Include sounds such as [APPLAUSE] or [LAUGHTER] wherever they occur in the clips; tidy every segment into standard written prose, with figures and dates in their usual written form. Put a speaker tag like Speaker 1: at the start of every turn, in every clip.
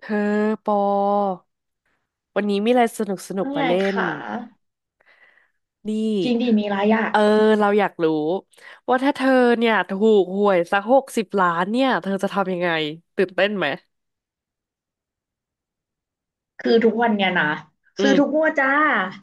Speaker 1: เธอปอวันนี้มีอะไรสนุกสนุก
Speaker 2: ว่า
Speaker 1: มา
Speaker 2: ไง
Speaker 1: เล่น
Speaker 2: คะ
Speaker 1: นี่
Speaker 2: จริงดีมีไระยะ
Speaker 1: เออเราอยากรู้ว่าถ้าเธอเนี่ยถูกหวยสักหกสิบล้านเนี่ยเธอจะทำยังไงตื่นเต้นไหม
Speaker 2: คือทุกวันเนี่ยนะ
Speaker 1: อื
Speaker 2: ซื้อ
Speaker 1: ม
Speaker 2: ทุกงวดจ้า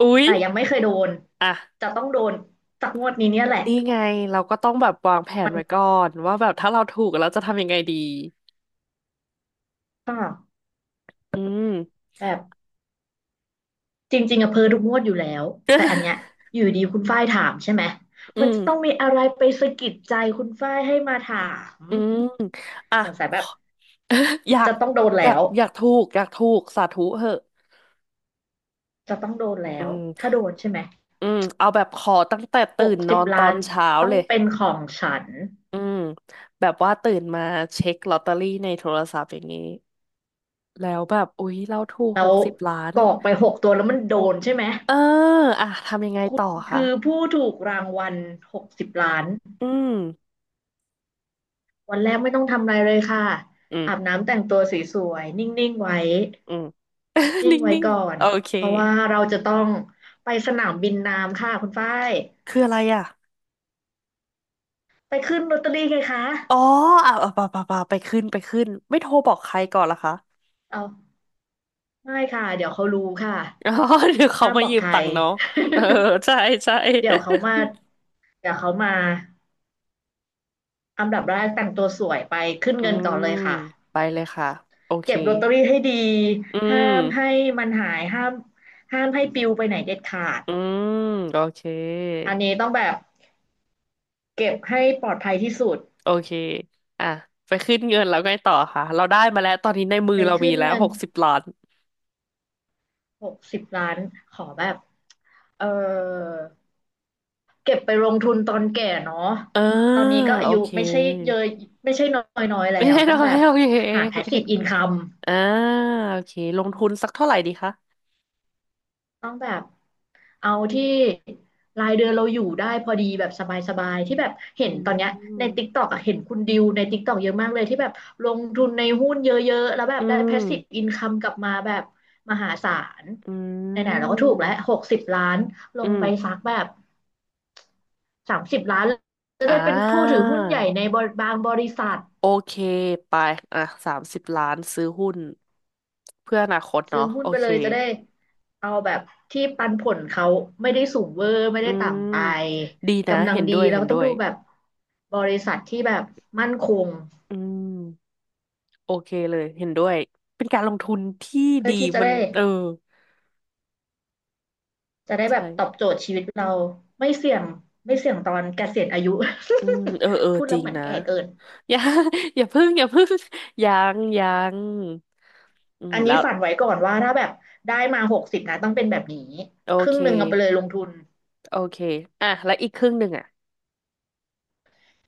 Speaker 1: อุ๊ย
Speaker 2: แต่ยังไม่เคยโดน
Speaker 1: อ่ะ
Speaker 2: จะต้องโดนสักงวดนี้เนี่ยแหละ
Speaker 1: นี่ไงเราก็ต้องแบบวางแผน
Speaker 2: มัน
Speaker 1: ไว้ก่อนว่าแบบถ้าเราถูกเราจะทำยังไงดี
Speaker 2: ก็
Speaker 1: อืม
Speaker 2: แบบจริงๆอะเพอทุกงวดอยู่แล้วแต่อันเนี้ย
Speaker 1: [LAUGHS]
Speaker 2: อยู่ดีคุณฝ้ายถามใช่ไหม
Speaker 1: อื
Speaker 2: มันจะต้อง
Speaker 1: ม
Speaker 2: มีอะไรไปสะกิดใจคุณฝ้ายให้มาถาม
Speaker 1: อืมอ่ะ
Speaker 2: สงสัยแบบ
Speaker 1: [LAUGHS] อยาก
Speaker 2: จะต้องโดนแล้ว
Speaker 1: อยากถูกสาธุเหอะ
Speaker 2: จะต้องโดนแล้
Speaker 1: อื
Speaker 2: ว
Speaker 1: ม
Speaker 2: ถ้าโดนใช่ไหม
Speaker 1: อืมเอาแบบขอตั้งแต่
Speaker 2: ห
Speaker 1: ตื่
Speaker 2: ก
Speaker 1: นน
Speaker 2: สิ
Speaker 1: อ
Speaker 2: บ
Speaker 1: นตอ
Speaker 2: ล้าน
Speaker 1: นเช้า
Speaker 2: ต้อ
Speaker 1: เล
Speaker 2: ง
Speaker 1: ย
Speaker 2: เป็นของฉัน
Speaker 1: อืมแบบว่าตื่นมาเช็คลอตเตอรี่ในโทรศัพท์อย่างนี้แล้วแบบอุ๊ยเราถูก
Speaker 2: แล้
Speaker 1: ห
Speaker 2: ว
Speaker 1: กสิบล้าน
Speaker 2: กรอกไป6 ตัวแล้วมันโดนใช่ไหม
Speaker 1: เอออ่ะทำยังไงต่อคะ
Speaker 2: คือผู้ถูกรางวัล60 ล้าน
Speaker 1: อืม
Speaker 2: วันแรกไม่ต้องทำอะไรเลยค่ะ
Speaker 1: อืม
Speaker 2: อาบน้ำแต่งตัวสวยๆนิ่งๆไว้
Speaker 1: อืม [LAUGHS]
Speaker 2: นิ่
Speaker 1: น
Speaker 2: งไว้
Speaker 1: ิ่ง
Speaker 2: ก่อ
Speaker 1: ๆ
Speaker 2: น
Speaker 1: โอเค
Speaker 2: เพราะว่าเราจะต้องไปสนามบินน้ำค่ะคุณฝ้าย
Speaker 1: คืออะไรอ่ะ
Speaker 2: ไปขึ้นลอตเตอรี่ไงคะ
Speaker 1: อ๋ออ่ะอ่ะป่ะไปขึ้นไม่โทรบอกใครก่อนละคะ
Speaker 2: เอาไม่ค่ะ เดี๋ยวเขารู้ค่ะ
Speaker 1: [LAUGHS] อ๋อเดี๋ยวเขา
Speaker 2: ห้าม
Speaker 1: มา
Speaker 2: บอก
Speaker 1: ยืม
Speaker 2: ใคร
Speaker 1: ตังค์น้อง
Speaker 2: [LAUGHS]
Speaker 1: เออใช่ใช่
Speaker 2: เดี๋ยวเขามาเดี๋ยวเขามาอันดับแรกแต่งตัวสวยไปขึ้น
Speaker 1: [LAUGHS] อื
Speaker 2: เงิน
Speaker 1: ม
Speaker 2: ก่อนเลยค่ะ
Speaker 1: ไปเลยค่ะโอเค
Speaker 2: เก็บลอตเตอรี่ให้ดี
Speaker 1: อื
Speaker 2: ห้ามให้
Speaker 1: ม
Speaker 2: มันหาย ห้ามห้ามให้ปลิวไปไหนเด็ดขาด
Speaker 1: อืมโอเค
Speaker 2: อันนี้ต้องแบบเก็บให้ปลอดภัยที่สุด
Speaker 1: โอเคอ่ะไปขึ้นเงินแล้วไงต่อค่ะเราได้มาแล้วตอนนี้ในมือ
Speaker 2: ไป
Speaker 1: เรามี
Speaker 2: ขึ้น
Speaker 1: แล้ว
Speaker 2: เงิ
Speaker 1: ห
Speaker 2: น
Speaker 1: กสิบล้าน
Speaker 2: 60 ล้านขอแบบเออเก็บไปลงทุนตอนแก่เนาะ
Speaker 1: อ่า
Speaker 2: ตอนนี้ก็อา
Speaker 1: โอ
Speaker 2: ยุ
Speaker 1: เค
Speaker 2: ไม่ใช่เยอะไม่ใช่น้อยๆแล้
Speaker 1: ไม่
Speaker 2: ว
Speaker 1: ใช่
Speaker 2: ต้อ
Speaker 1: น้
Speaker 2: ง
Speaker 1: อ
Speaker 2: แบ
Speaker 1: ย
Speaker 2: บ
Speaker 1: โอเ
Speaker 2: หา
Speaker 1: ค
Speaker 2: passive income
Speaker 1: อ่าโอเคลงทุนสักเท่าไหร่ดีคะ
Speaker 2: ต้องแบบ เอาที่รายเดือนเราอยู่ได้พอดีแบบสบายๆที่แบบเห็
Speaker 1: อื
Speaker 2: นตอนเนี้ยใน
Speaker 1: ม
Speaker 2: TikTok อะเห็นคุณดิวใน TikTok เยอะมากเลยที่แบบลงทุนในหุ้นเยอะๆแล้วแบบ
Speaker 1: อื
Speaker 2: ได้
Speaker 1: ม
Speaker 2: passive income กลับมาแบบมหาศาล
Speaker 1: อื
Speaker 2: ไหนๆเราก็ถูกแล้วห
Speaker 1: ม
Speaker 2: กสิบล้านล
Speaker 1: อื
Speaker 2: งไป
Speaker 1: ม
Speaker 2: ซักแบบสามสิบล้านจะ
Speaker 1: อ่
Speaker 2: ได้เป็นผู้ถือ
Speaker 1: า
Speaker 2: หุ้นใหญ่ในบางบริษัท
Speaker 1: โอเคไปอ่ะ30 ล้านซื้อหุ้นเพื่ออนาคต
Speaker 2: ซื้อ
Speaker 1: เนาะ
Speaker 2: หุ้
Speaker 1: โอ
Speaker 2: นไป
Speaker 1: เค
Speaker 2: เลยจะได้เอาแบบที่ปันผลเขาไม่ได้สูงเวอร์ไม่
Speaker 1: อื
Speaker 2: ได้
Speaker 1: ม
Speaker 2: ต่ำไป
Speaker 1: ดีนะ
Speaker 2: กำลัง
Speaker 1: เห็น
Speaker 2: ดี
Speaker 1: ด้วย
Speaker 2: แล้ว
Speaker 1: เห็น
Speaker 2: ก็ต้
Speaker 1: ด้
Speaker 2: อง
Speaker 1: วย
Speaker 2: ดูแบบบริษัทที่แบบมั่นคง
Speaker 1: อืม โอเคเลยเห็นด้วยเป็นการลงทุนที่
Speaker 2: เพื่อ
Speaker 1: ดี
Speaker 2: ที่จะ
Speaker 1: มัน
Speaker 2: ได้
Speaker 1: เออ
Speaker 2: จะได้แบ
Speaker 1: ใช่
Speaker 2: บตอบโจทย์ชีวิตเราไม่เสี่ยงไม่เสี่ยงตอนเกษียณอายุ
Speaker 1: อืมเออเออ
Speaker 2: [LAUGHS] พูด
Speaker 1: จ
Speaker 2: แล้
Speaker 1: ริ
Speaker 2: ว
Speaker 1: ง
Speaker 2: เหมือน
Speaker 1: นะ
Speaker 2: แก่เกิน
Speaker 1: [LAUGHS] อย่า [LAUGHS] อย่าพึ่ง [LAUGHS] ยังอืม
Speaker 2: อันนี้
Speaker 1: แล้ว
Speaker 2: ฝันไว้ก่อนว่าถ้าแบบได้มาหกสิบนะต้องเป็นแบบนี้
Speaker 1: โอ
Speaker 2: ครึ่
Speaker 1: เค
Speaker 2: งหนึ่งเอาไปเลยลงทุน
Speaker 1: โอเคอ่ะแล้วอีกครึ่งหนึ่งอ่ะ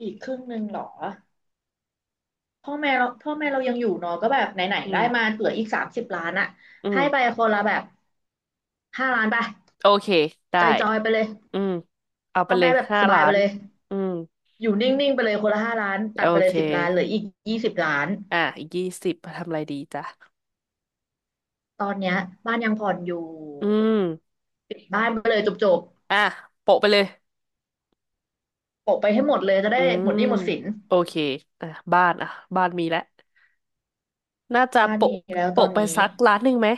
Speaker 2: อีกครึ่งหนึ่งเหรอ พ่อแม่เราพ่อแม่เรายังอยู่เนาะก็แบบไหน
Speaker 1: อื
Speaker 2: ๆได้มา
Speaker 1: ม
Speaker 2: เหลืออีกสามสิบล้านอะ
Speaker 1: อื
Speaker 2: ให้ไป
Speaker 1: ม
Speaker 2: คนละแบบห้าล้านไป
Speaker 1: โอเคได้
Speaker 2: จอยๆไปเลย
Speaker 1: อืมเอาไป
Speaker 2: พ่อ
Speaker 1: เล
Speaker 2: แม่
Speaker 1: ย
Speaker 2: แบบ
Speaker 1: ห้า
Speaker 2: สบาย
Speaker 1: ล้า
Speaker 2: ไป
Speaker 1: น
Speaker 2: เลย
Speaker 1: อืม
Speaker 2: อยู่นิ่งๆไปเลยคนละห้าล้าน
Speaker 1: โอ
Speaker 2: ตัดไปเล
Speaker 1: เค
Speaker 2: ยสิบล้านเหลืออีกยี่สิบล้าน
Speaker 1: อ่ะอีก20ทำอะไรดีจ้ะ
Speaker 2: ตอนเนี้ยบ้านยังผ่อนอยู่
Speaker 1: อืม
Speaker 2: ปิดบ้านไปเลยจบ
Speaker 1: อ่ะโปะไปเลย
Speaker 2: ๆโปะไปให้หมดเลยจะ
Speaker 1: อื
Speaker 2: ได้หม
Speaker 1: ม
Speaker 2: ดหนี้หมดสิน
Speaker 1: โอเคอ่ะบ้านอ่ะบ้านมีแล้ว น่าจะ
Speaker 2: บ้านมี
Speaker 1: โปะ
Speaker 2: แล้วตอ
Speaker 1: โปะ
Speaker 2: น
Speaker 1: ไป
Speaker 2: นี้
Speaker 1: สักล้านหนึ่งไหม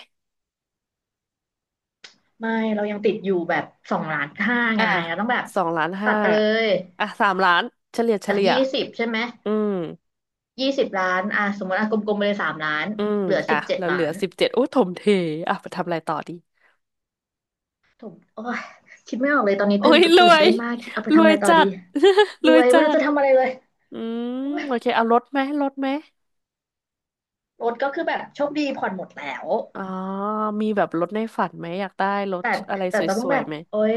Speaker 2: ไม่เรายังติดอยู่แบบ2.5 ล้านไง
Speaker 1: อ่ะ
Speaker 2: เราต้องแบบ
Speaker 1: สองล้าน
Speaker 2: ตั
Speaker 1: ห้า
Speaker 2: ดไปเล
Speaker 1: อะ
Speaker 2: ย
Speaker 1: อ่ะ3 ล้านเฉ
Speaker 2: จาก
Speaker 1: ลี่ย
Speaker 2: ยี่สิบใช่ไหม
Speaker 1: อืม
Speaker 2: ยี่สิบล้านอ่ะสมมติอ่ะกลมๆไปเลย3 ล้าน
Speaker 1: อืม
Speaker 2: เหลือสิ
Speaker 1: อ่ะ
Speaker 2: บเจ็ด
Speaker 1: แล้วเห
Speaker 2: ล้า
Speaker 1: ลือ
Speaker 2: น
Speaker 1: 17โอ้ถมเทอ่ะไปทำอะไรต่อดี
Speaker 2: ถูกโอ้ยคิดไม่ออกเลยตอนนี้
Speaker 1: โอ้
Speaker 2: ตื่น
Speaker 1: ยร
Speaker 2: ตื่
Speaker 1: ว
Speaker 2: น
Speaker 1: ย
Speaker 2: เต้นมาก คิดเอาไป
Speaker 1: ร
Speaker 2: ทำ
Speaker 1: ว
Speaker 2: อะ
Speaker 1: ย
Speaker 2: ไรต่อ
Speaker 1: จั
Speaker 2: ดี
Speaker 1: ด [LAUGHS] ร
Speaker 2: ร
Speaker 1: ว
Speaker 2: ว
Speaker 1: ย
Speaker 2: ยไม่
Speaker 1: จั
Speaker 2: รู้
Speaker 1: ด
Speaker 2: จะทำอะไรเลย
Speaker 1: อืม
Speaker 2: โอ้ย
Speaker 1: โอเคเอารถไหม
Speaker 2: รถก็คือแบบโชคดีผ่อนหมดแล้ว
Speaker 1: อ๋อมีแบบรถในฝันไหมอยากได้รถ
Speaker 2: แต่
Speaker 1: อะไร
Speaker 2: แต่
Speaker 1: ส
Speaker 2: เราต้อง
Speaker 1: ว
Speaker 2: แบ
Speaker 1: ย
Speaker 2: บ
Speaker 1: ๆไหม
Speaker 2: โอ้ย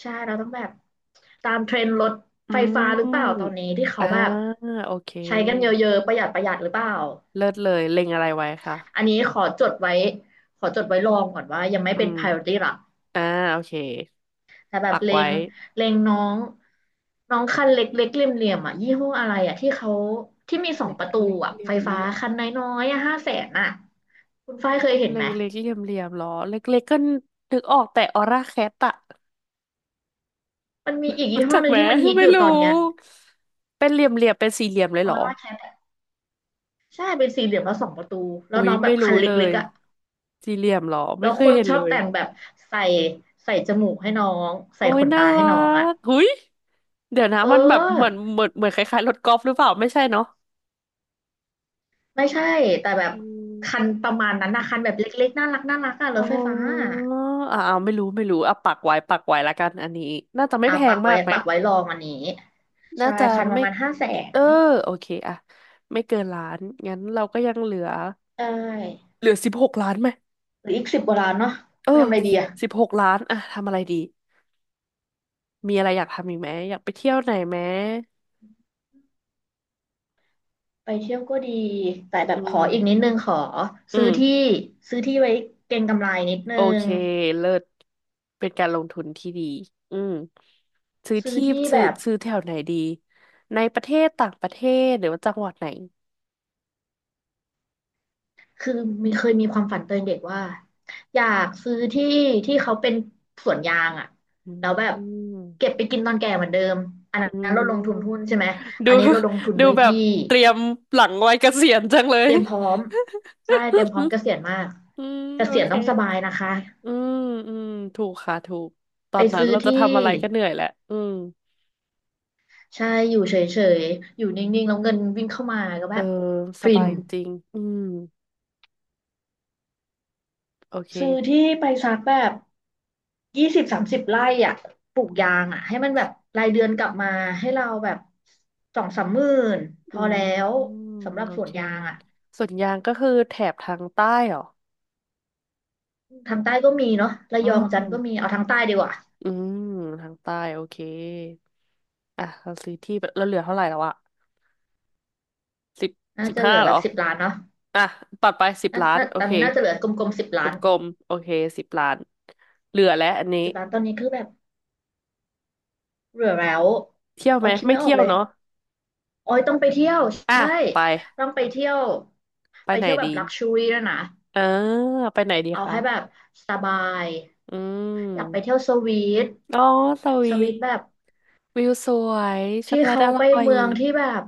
Speaker 2: ใช่เราต้องแบบตามเทรนด์รถ
Speaker 1: อื
Speaker 2: ไฟ
Speaker 1: ม
Speaker 2: ฟ้าหรือเปล่าตอนนี้ที่เขา
Speaker 1: อ่า
Speaker 2: แบบ
Speaker 1: โอเค
Speaker 2: ใช้กันเยอะๆประหยัดประหยัดหรือเปล่า
Speaker 1: เลิศเลยเล็งอะไรไว้คะ
Speaker 2: อันนี้ขอจดไว้ขอจดไว้ลองก่อนว่ายังไม่
Speaker 1: อื
Speaker 2: เป็น
Speaker 1: ม
Speaker 2: priority หลัก
Speaker 1: อ่าโอเค
Speaker 2: แต่แบบ
Speaker 1: ปัก
Speaker 2: เล
Speaker 1: ไว้
Speaker 2: งเลงน้องน้องคันเล็กเล็กเหลี่ยมเหลี่ยมอ่ะยี่ห้ออะไรอ่ะที่เขาที่มีสอง
Speaker 1: เล็ก
Speaker 2: ประตู
Speaker 1: เล็ก
Speaker 2: อ่ะ
Speaker 1: เหลี่ย
Speaker 2: ไฟ
Speaker 1: มเห
Speaker 2: ฟ้า
Speaker 1: ลี่ยม
Speaker 2: คันน้อยๆอ่ะห้าแสนอ่ะคุณฝ้ายเคยเห็น
Speaker 1: เล็
Speaker 2: ไหม
Speaker 1: กเล็กเหลี่ยมเหลี่ยมหรอเล็กเล็กก็นึกออกแต่ออร่าแคทอะ
Speaker 2: มันมีอีก
Speaker 1: [LAUGHS] รู้
Speaker 2: ยี่ห้อ
Speaker 1: จัก
Speaker 2: หนึ่
Speaker 1: ไห
Speaker 2: ง
Speaker 1: ม
Speaker 2: ที่มันฮิตอ
Speaker 1: ไม่
Speaker 2: ยู่ต
Speaker 1: รู้
Speaker 2: อนเนี้ย
Speaker 1: เป็นเหลี่ยมเหลี่ยมเป็นสี่เหลี่ยมเลย
Speaker 2: อ
Speaker 1: เหร
Speaker 2: อ
Speaker 1: อ
Speaker 2: ร่าแคทใช่เป็นสี่เหลี่ยมแล้วสองประตูแล้
Speaker 1: อุ้
Speaker 2: ว
Speaker 1: ย
Speaker 2: น้องแบ
Speaker 1: ไม่
Speaker 2: บ
Speaker 1: รู้
Speaker 2: คัน
Speaker 1: เล
Speaker 2: เล็ก
Speaker 1: ย
Speaker 2: ๆอ่ะ
Speaker 1: สี่เหลี่ยมเหรอ
Speaker 2: แล้
Speaker 1: ไม่
Speaker 2: ว
Speaker 1: เค
Speaker 2: ค
Speaker 1: ย
Speaker 2: น
Speaker 1: เห็น
Speaker 2: ชอ
Speaker 1: เล
Speaker 2: บ
Speaker 1: ย
Speaker 2: แต่งแบบใส่ใส่จมูกให้น้องใส่
Speaker 1: โอ้ย
Speaker 2: ขน
Speaker 1: น่า
Speaker 2: ตาให้
Speaker 1: รั
Speaker 2: น้องอ่ะ
Speaker 1: กหุยเดี๋ยวนะ
Speaker 2: เอ
Speaker 1: มันแบบ
Speaker 2: อ
Speaker 1: เหมือนคล้ายๆรถกอล์ฟหรือเปล่าไม่ใช่เนาะ
Speaker 2: ไม่ใช่แต่แบบ
Speaker 1: อืม
Speaker 2: คันประมาณนั้นนะคันแบบเล็กๆน่ารักน่ารักอ่ะร
Speaker 1: อ๋
Speaker 2: ถไฟฟ้า
Speaker 1: อ
Speaker 2: อะ
Speaker 1: อ่าไม่รู้อ่ะปักไว้ละกันอันนี้น่าจะไม่
Speaker 2: เอา
Speaker 1: แพ
Speaker 2: ปั
Speaker 1: ง
Speaker 2: กไว้
Speaker 1: มากไหม
Speaker 2: ปักไว้รองอันนี้
Speaker 1: น่า
Speaker 2: ใช่
Speaker 1: จะ
Speaker 2: คันป
Speaker 1: ไม่
Speaker 2: ระมาณห้าแส
Speaker 1: เอ
Speaker 2: น
Speaker 1: อโอเคอะไม่เกินล้านงั้นเราก็ยังเหลือ
Speaker 2: ใช่
Speaker 1: สิบหกล้านไหม
Speaker 2: หรืออีกสิบกว่าล้านเนาะ
Speaker 1: เออ
Speaker 2: ไปทำอะไรดีอะ
Speaker 1: สิบหกล้านอะทำอะไรดีมีอะไรอยากทำอีกไหมอยากไปเที่ยวไหนไหม
Speaker 2: ไปเที่ยวก็ดีแต่แบ
Speaker 1: อื
Speaker 2: บขออีกนิด
Speaker 1: ม
Speaker 2: นึงขอ
Speaker 1: อื
Speaker 2: ซื้อ
Speaker 1: ม
Speaker 2: ที่ซื้อที่ไว้เก็งกำไรนิดนึ
Speaker 1: โอเค
Speaker 2: ง
Speaker 1: เลิศเป็นการลงทุนที่ดีอืมซื้อ
Speaker 2: ซื้อ
Speaker 1: ที่
Speaker 2: ที่แบบ
Speaker 1: ซื้อแถวไหนดีในประเทศต่างประเทศหรือว่าจังหวัดไหน
Speaker 2: คือมีเคยมีความฝันตอนเด็กว่าอยากซื้อที่ที่เขาเป็นสวนยางอะ
Speaker 1: อื
Speaker 2: แล้วแบบเก็
Speaker 1: ม
Speaker 2: บไปกินตอนแก่เหมือนเดิมอันน
Speaker 1: อื
Speaker 2: ั้นเราลงทุนหุ้
Speaker 1: ม
Speaker 2: นใช่ไหม
Speaker 1: ดู
Speaker 2: อันนี้เราลงทุน
Speaker 1: ดู
Speaker 2: ด้วย
Speaker 1: แบบ
Speaker 2: ที่
Speaker 1: เตรียมหลังวัยเกษียณจังเล
Speaker 2: เต
Speaker 1: ย
Speaker 2: รียมพร้อมใช่เตรียมพร้อมเก
Speaker 1: [LAUGHS]
Speaker 2: ษียณมาก
Speaker 1: อืม
Speaker 2: เก
Speaker 1: โอ
Speaker 2: ษียณ
Speaker 1: เค
Speaker 2: ต้องสบายนะคะ
Speaker 1: อืมอืมถูกค่ะถูกตอ
Speaker 2: ไป
Speaker 1: นนั้น
Speaker 2: ซื้อ
Speaker 1: เราจะ
Speaker 2: ที่
Speaker 1: ทำอะไรก็เหนื่อยแหละอืม
Speaker 2: ใช่อยู่เฉยๆอยู่นิ่งๆแล้วเงินวิ่งเข้ามาก็
Speaker 1: เอ
Speaker 2: แบ
Speaker 1: อ
Speaker 2: บ
Speaker 1: ส
Speaker 2: ฟิ
Speaker 1: บา
Speaker 2: น
Speaker 1: ยจริงอืมโอเค
Speaker 2: ซื้อที่ไปสักแบบ20-30 ไร่อ่ะปลูกยางอ่ะให้มันแบบรายเดือนกลับมาให้เราแบบ20,000-30,000พ
Speaker 1: อื
Speaker 2: อ
Speaker 1: ม
Speaker 2: แล้ว
Speaker 1: อืม
Speaker 2: สำหรับ
Speaker 1: โอ
Speaker 2: สวน
Speaker 1: เค
Speaker 2: ยางอ่ะ
Speaker 1: ส่วนยางก็คือแถบทางใต้เหรอ
Speaker 2: ทางใต้ก็มีเนาะระ
Speaker 1: อื
Speaker 2: ยองจันท
Speaker 1: ม
Speaker 2: ร์ก็มีเอาทางใต้ดีกว่า
Speaker 1: อืมทางใต้โอเคอ่ะเราซื้อที่ไปเราเหลือเท่าไหร่แล้วอะสิบ
Speaker 2: น่า
Speaker 1: สิบ
Speaker 2: จะเห
Speaker 1: ห้า
Speaker 2: ลือ
Speaker 1: เหร
Speaker 2: แบ
Speaker 1: อ
Speaker 2: บสิบล้านเนาะ
Speaker 1: อ่ะตัดไปสิบ
Speaker 2: น่า
Speaker 1: ล้าน
Speaker 2: น่า
Speaker 1: โอ
Speaker 2: ตอน
Speaker 1: เค
Speaker 2: นี้น่าจะเหลือกลมๆสิบ
Speaker 1: ก
Speaker 2: ล้าน
Speaker 1: ลมๆโอเคสิบล้านเหลือแล้วอันนี้
Speaker 2: สิบล้านตอนนี้คือแบบเหลือแล้ว
Speaker 1: เที่ยว
Speaker 2: อ๋
Speaker 1: ไห
Speaker 2: อ
Speaker 1: ม
Speaker 2: คิด
Speaker 1: ไม่
Speaker 2: ไม่ออ
Speaker 1: เที่
Speaker 2: ก
Speaker 1: ยว
Speaker 2: เลย
Speaker 1: เนาะ
Speaker 2: อ๋อต้องไปเที่ยว
Speaker 1: อ่ะ
Speaker 2: ใช่
Speaker 1: ไป
Speaker 2: ต้องไปเที่ยว
Speaker 1: ไป
Speaker 2: ไป
Speaker 1: ไหน
Speaker 2: เที่ยวแบบ
Speaker 1: ดี
Speaker 2: ลักชัวรี่ด้วยนะ
Speaker 1: อ่าไปไหนดี
Speaker 2: เอา
Speaker 1: คะ
Speaker 2: ให้แบบสบาย
Speaker 1: อื
Speaker 2: อยากไปเที่ย
Speaker 1: ม
Speaker 2: วสวีท
Speaker 1: อ๋อสวี
Speaker 2: สวี
Speaker 1: ท
Speaker 2: ทแบบ
Speaker 1: วิวสวยช็อก
Speaker 2: ที่
Speaker 1: โกแลต
Speaker 2: เขา
Speaker 1: อ
Speaker 2: ไป
Speaker 1: ร่อย
Speaker 2: เมืองที่แบบ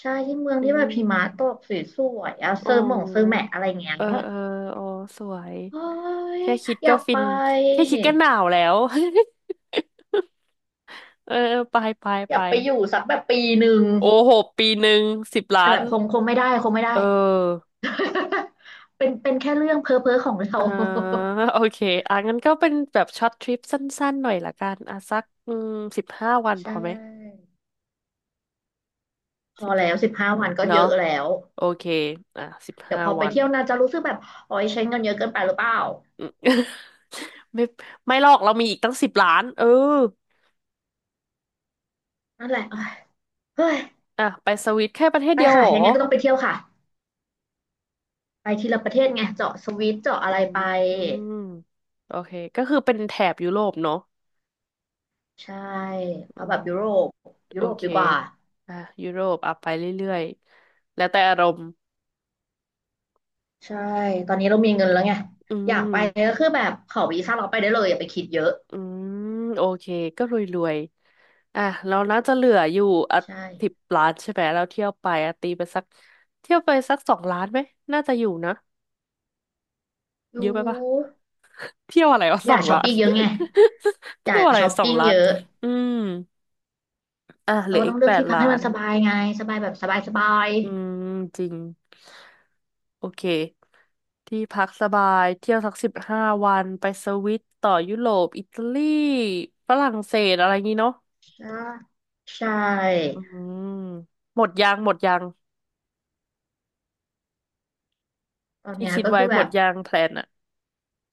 Speaker 2: ใช่ที่เมือง
Speaker 1: อื
Speaker 2: ที่แบบหิมะ
Speaker 1: ม
Speaker 2: ตกสวยๆอะ
Speaker 1: อ๋
Speaker 2: เซอร์หม่งเซอร์แห
Speaker 1: อ
Speaker 2: มะอะไรเงี้ย
Speaker 1: เออเอออ๋อสวย
Speaker 2: โอ้ย
Speaker 1: แค่คิด
Speaker 2: อ
Speaker 1: ก็
Speaker 2: ยาก
Speaker 1: ฟิ
Speaker 2: ไป
Speaker 1: นแค่คิดก็หนาวแล้ว [LAUGHS] เออเออไป
Speaker 2: อ
Speaker 1: ไป
Speaker 2: ยากไปอยู่สักแบบปีหนึ่ง
Speaker 1: โอ้โหปีหนึ่งสิบ
Speaker 2: แต่
Speaker 1: ล้า
Speaker 2: แบ
Speaker 1: น
Speaker 2: บคงไม่ได้คงไม่ได้
Speaker 1: เออ
Speaker 2: [LAUGHS] เป็นแค่เรื่องเพ้อเพ้อของเรา
Speaker 1: อ่าโอเคอ่ะงั้นก็เป็นแบบช็อตทริปสั้นๆหน่อยละกันอ่ะสักอืมสิบห้าวัน
Speaker 2: ใช
Speaker 1: พอไหม
Speaker 2: ่พอ
Speaker 1: สิบ
Speaker 2: แล้ว15 วันก็เย
Speaker 1: เนาะ
Speaker 2: อะแล้ว
Speaker 1: โอเคอ่ะสิบ
Speaker 2: เดี๋ยว
Speaker 1: ห้า
Speaker 2: พอไป
Speaker 1: วัน
Speaker 2: เที่ยวนาจะรู้สึกแบบโอ้ยใช้เงินเยอะเกินไปหรือเปล่า
Speaker 1: อืม [LAUGHS] ไม่ไม่หรอกเรามีอีกตั้งสิบล้านเออ
Speaker 2: นั่นแหละเอ้ยเฮ้ย
Speaker 1: อ่ะไปสวิตแค่ประเทศ
Speaker 2: ไป
Speaker 1: เดียวเห
Speaker 2: ค่ะ
Speaker 1: รอ
Speaker 2: ยังไงก็ต้องไปเที่ยวค่ะไปทีละประเทศไงเจาะสวิตเจาะอะ
Speaker 1: อื
Speaker 2: ไรไป
Speaker 1: มโอเคก็คือเป็นแถบยุโรปเนาะ
Speaker 2: ใช่
Speaker 1: อื
Speaker 2: เอาแบบ
Speaker 1: ม
Speaker 2: ยุโรปยุ
Speaker 1: โอ
Speaker 2: โรป
Speaker 1: เค
Speaker 2: ดีกว่า
Speaker 1: อ่ะยุโรปอ่ะไปเรื่อยๆแล้วแต่อารมณ์
Speaker 2: ใช่ตอนนี้เรามีเงินแล้วไง
Speaker 1: อื
Speaker 2: อยากไป
Speaker 1: ม
Speaker 2: ก็คือแบบขอวีซ่าเราไปได้เลยอย่าไปคิดเยอะ
Speaker 1: อืมโอเคก็รวยๆอ่ะเราน่าจะเหลืออยู่อ่ะ
Speaker 2: ใ
Speaker 1: สิบ
Speaker 2: ช่
Speaker 1: ล้านใช่ไหมเราเที่ยวไปอ่ะตีไปสักเที่ยวไปสักสองล้านไหมน่าจะอยู่นะ
Speaker 2: อ
Speaker 1: เย
Speaker 2: ยู่
Speaker 1: อะไปปะ เที่ยวอะไรวะ
Speaker 2: อ
Speaker 1: [LAUGHS] สอ
Speaker 2: ย่า
Speaker 1: ง
Speaker 2: ช้อป
Speaker 1: ล้าน
Speaker 2: ปิ้งเยอะไง
Speaker 1: [LAUGHS]
Speaker 2: อ
Speaker 1: เที่
Speaker 2: ย่า
Speaker 1: ยวอะไร
Speaker 2: ช้อป
Speaker 1: สอง
Speaker 2: ปิ้ง
Speaker 1: ล้า
Speaker 2: เย
Speaker 1: น
Speaker 2: อะ
Speaker 1: อืมอ่ะเห
Speaker 2: เรา
Speaker 1: ลือ
Speaker 2: ก็
Speaker 1: อี
Speaker 2: ต้อ
Speaker 1: ก
Speaker 2: งเลื
Speaker 1: แป
Speaker 2: อก
Speaker 1: ด
Speaker 2: ที่พัก
Speaker 1: ล้า
Speaker 2: ให้มั
Speaker 1: น
Speaker 2: นสบายไงสบายแบบสบายสบาย
Speaker 1: อืมจริงโอเค ที่พักสบายเที่ยวสัก15 วันไปสวิตต่อยุโรปอิตาลีฝรั่งเศสอะไรงี้เนาะ
Speaker 2: ใช่ใช่
Speaker 1: อืมหมดยัง
Speaker 2: ตอน
Speaker 1: ที่
Speaker 2: เนี้ย
Speaker 1: คิด
Speaker 2: ก็
Speaker 1: ไว้
Speaker 2: คือ
Speaker 1: ห
Speaker 2: แบ
Speaker 1: มด
Speaker 2: บ
Speaker 1: ยังแพลนอะ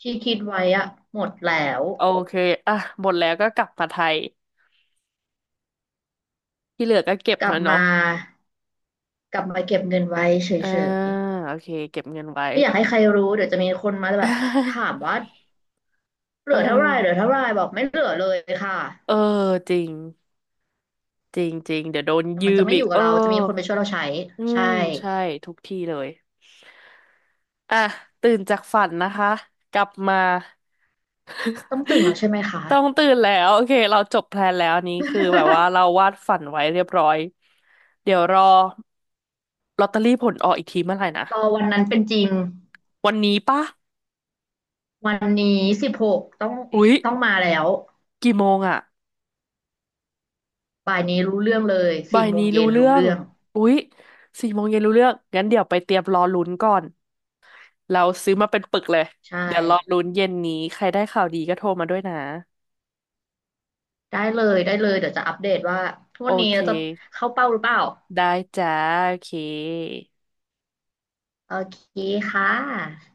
Speaker 2: ที่คิดไว้อะหมดแล้ว
Speaker 1: โอเคอ่ะหมดแล้วก็กลับมาไทยที่เหลือก็เก็บ
Speaker 2: กลับ
Speaker 1: มา
Speaker 2: มา
Speaker 1: เนาะ
Speaker 2: กลับมาเก็บเงินไว้
Speaker 1: อ่า
Speaker 2: เฉย
Speaker 1: โอเคเก็บเงินไว้
Speaker 2: ๆไม่อยากให้ใครรู้เดี๋ยวจะมีคนมาแบบถาม
Speaker 1: [LAUGHS]
Speaker 2: ว่าเห
Speaker 1: เอ
Speaker 2: ลื
Speaker 1: อ
Speaker 2: อเท่าไหร่เหลือเท่าไหร่บอกไม่เหลือเลยค่ะ
Speaker 1: เออจริง จริงจริงเดี๋ยวโดน
Speaker 2: แต่มัน
Speaker 1: ยื
Speaker 2: จะ
Speaker 1: ม
Speaker 2: ไม่
Speaker 1: อี
Speaker 2: อ
Speaker 1: ก
Speaker 2: ยู่กั
Speaker 1: เอ
Speaker 2: บ
Speaker 1: อ
Speaker 2: เราจะมีคนไปช่วยเราใช้
Speaker 1: อื
Speaker 2: ใช่
Speaker 1: มใช่ทุกที่เลยอ่ะตื่นจากฝันนะคะกลับมา
Speaker 2: ต้องตื่นแล้ว
Speaker 1: [LAUGHS]
Speaker 2: ใช่ไหมคะ
Speaker 1: ต้องตื่นแล้วโอเคเราจบแพลนแล้วอันนี้คือแบบว่าเรา
Speaker 2: [LAUGHS]
Speaker 1: วาดฝันไว้เรียบร้อยเดี๋ยวรอลอตเตอรี่ผลออกอีกทีเมื่อไหร่นะ
Speaker 2: รอวันนั้นเป็นจริง
Speaker 1: วันนี้ปะ
Speaker 2: วันนี้16ต้อง
Speaker 1: อุ๊ย
Speaker 2: ต้องมาแล้ว
Speaker 1: กี่โมงอะ
Speaker 2: บ่ายนี้รู้เรื่องเลย
Speaker 1: บ่า
Speaker 2: สี่
Speaker 1: ย
Speaker 2: โม
Speaker 1: นี้
Speaker 2: งเย็
Speaker 1: รู้
Speaker 2: น
Speaker 1: เรื่
Speaker 2: รู้
Speaker 1: อง
Speaker 2: เรื่อง
Speaker 1: อุ๊ยสี่โมงเย็นรู้เรื่องงั้นเดี๋ยวไปเตรียมรอลุ้นก่อนเราซื้อมาเป็นปึกเลย
Speaker 2: ใช่
Speaker 1: เดี๋ยวรอลุ้นเย็นนี้ใครได้ข่าวดีก็โทรมาด้วยนะ
Speaker 2: ได้เลยได้เลยเดี๋ยวจะอัปเดตว่าทก
Speaker 1: โอ
Speaker 2: วดนนี้
Speaker 1: เค
Speaker 2: จะเข้าเป้าหรือเปล่า
Speaker 1: ได้จ้าโอเค
Speaker 2: โอเคค่ะ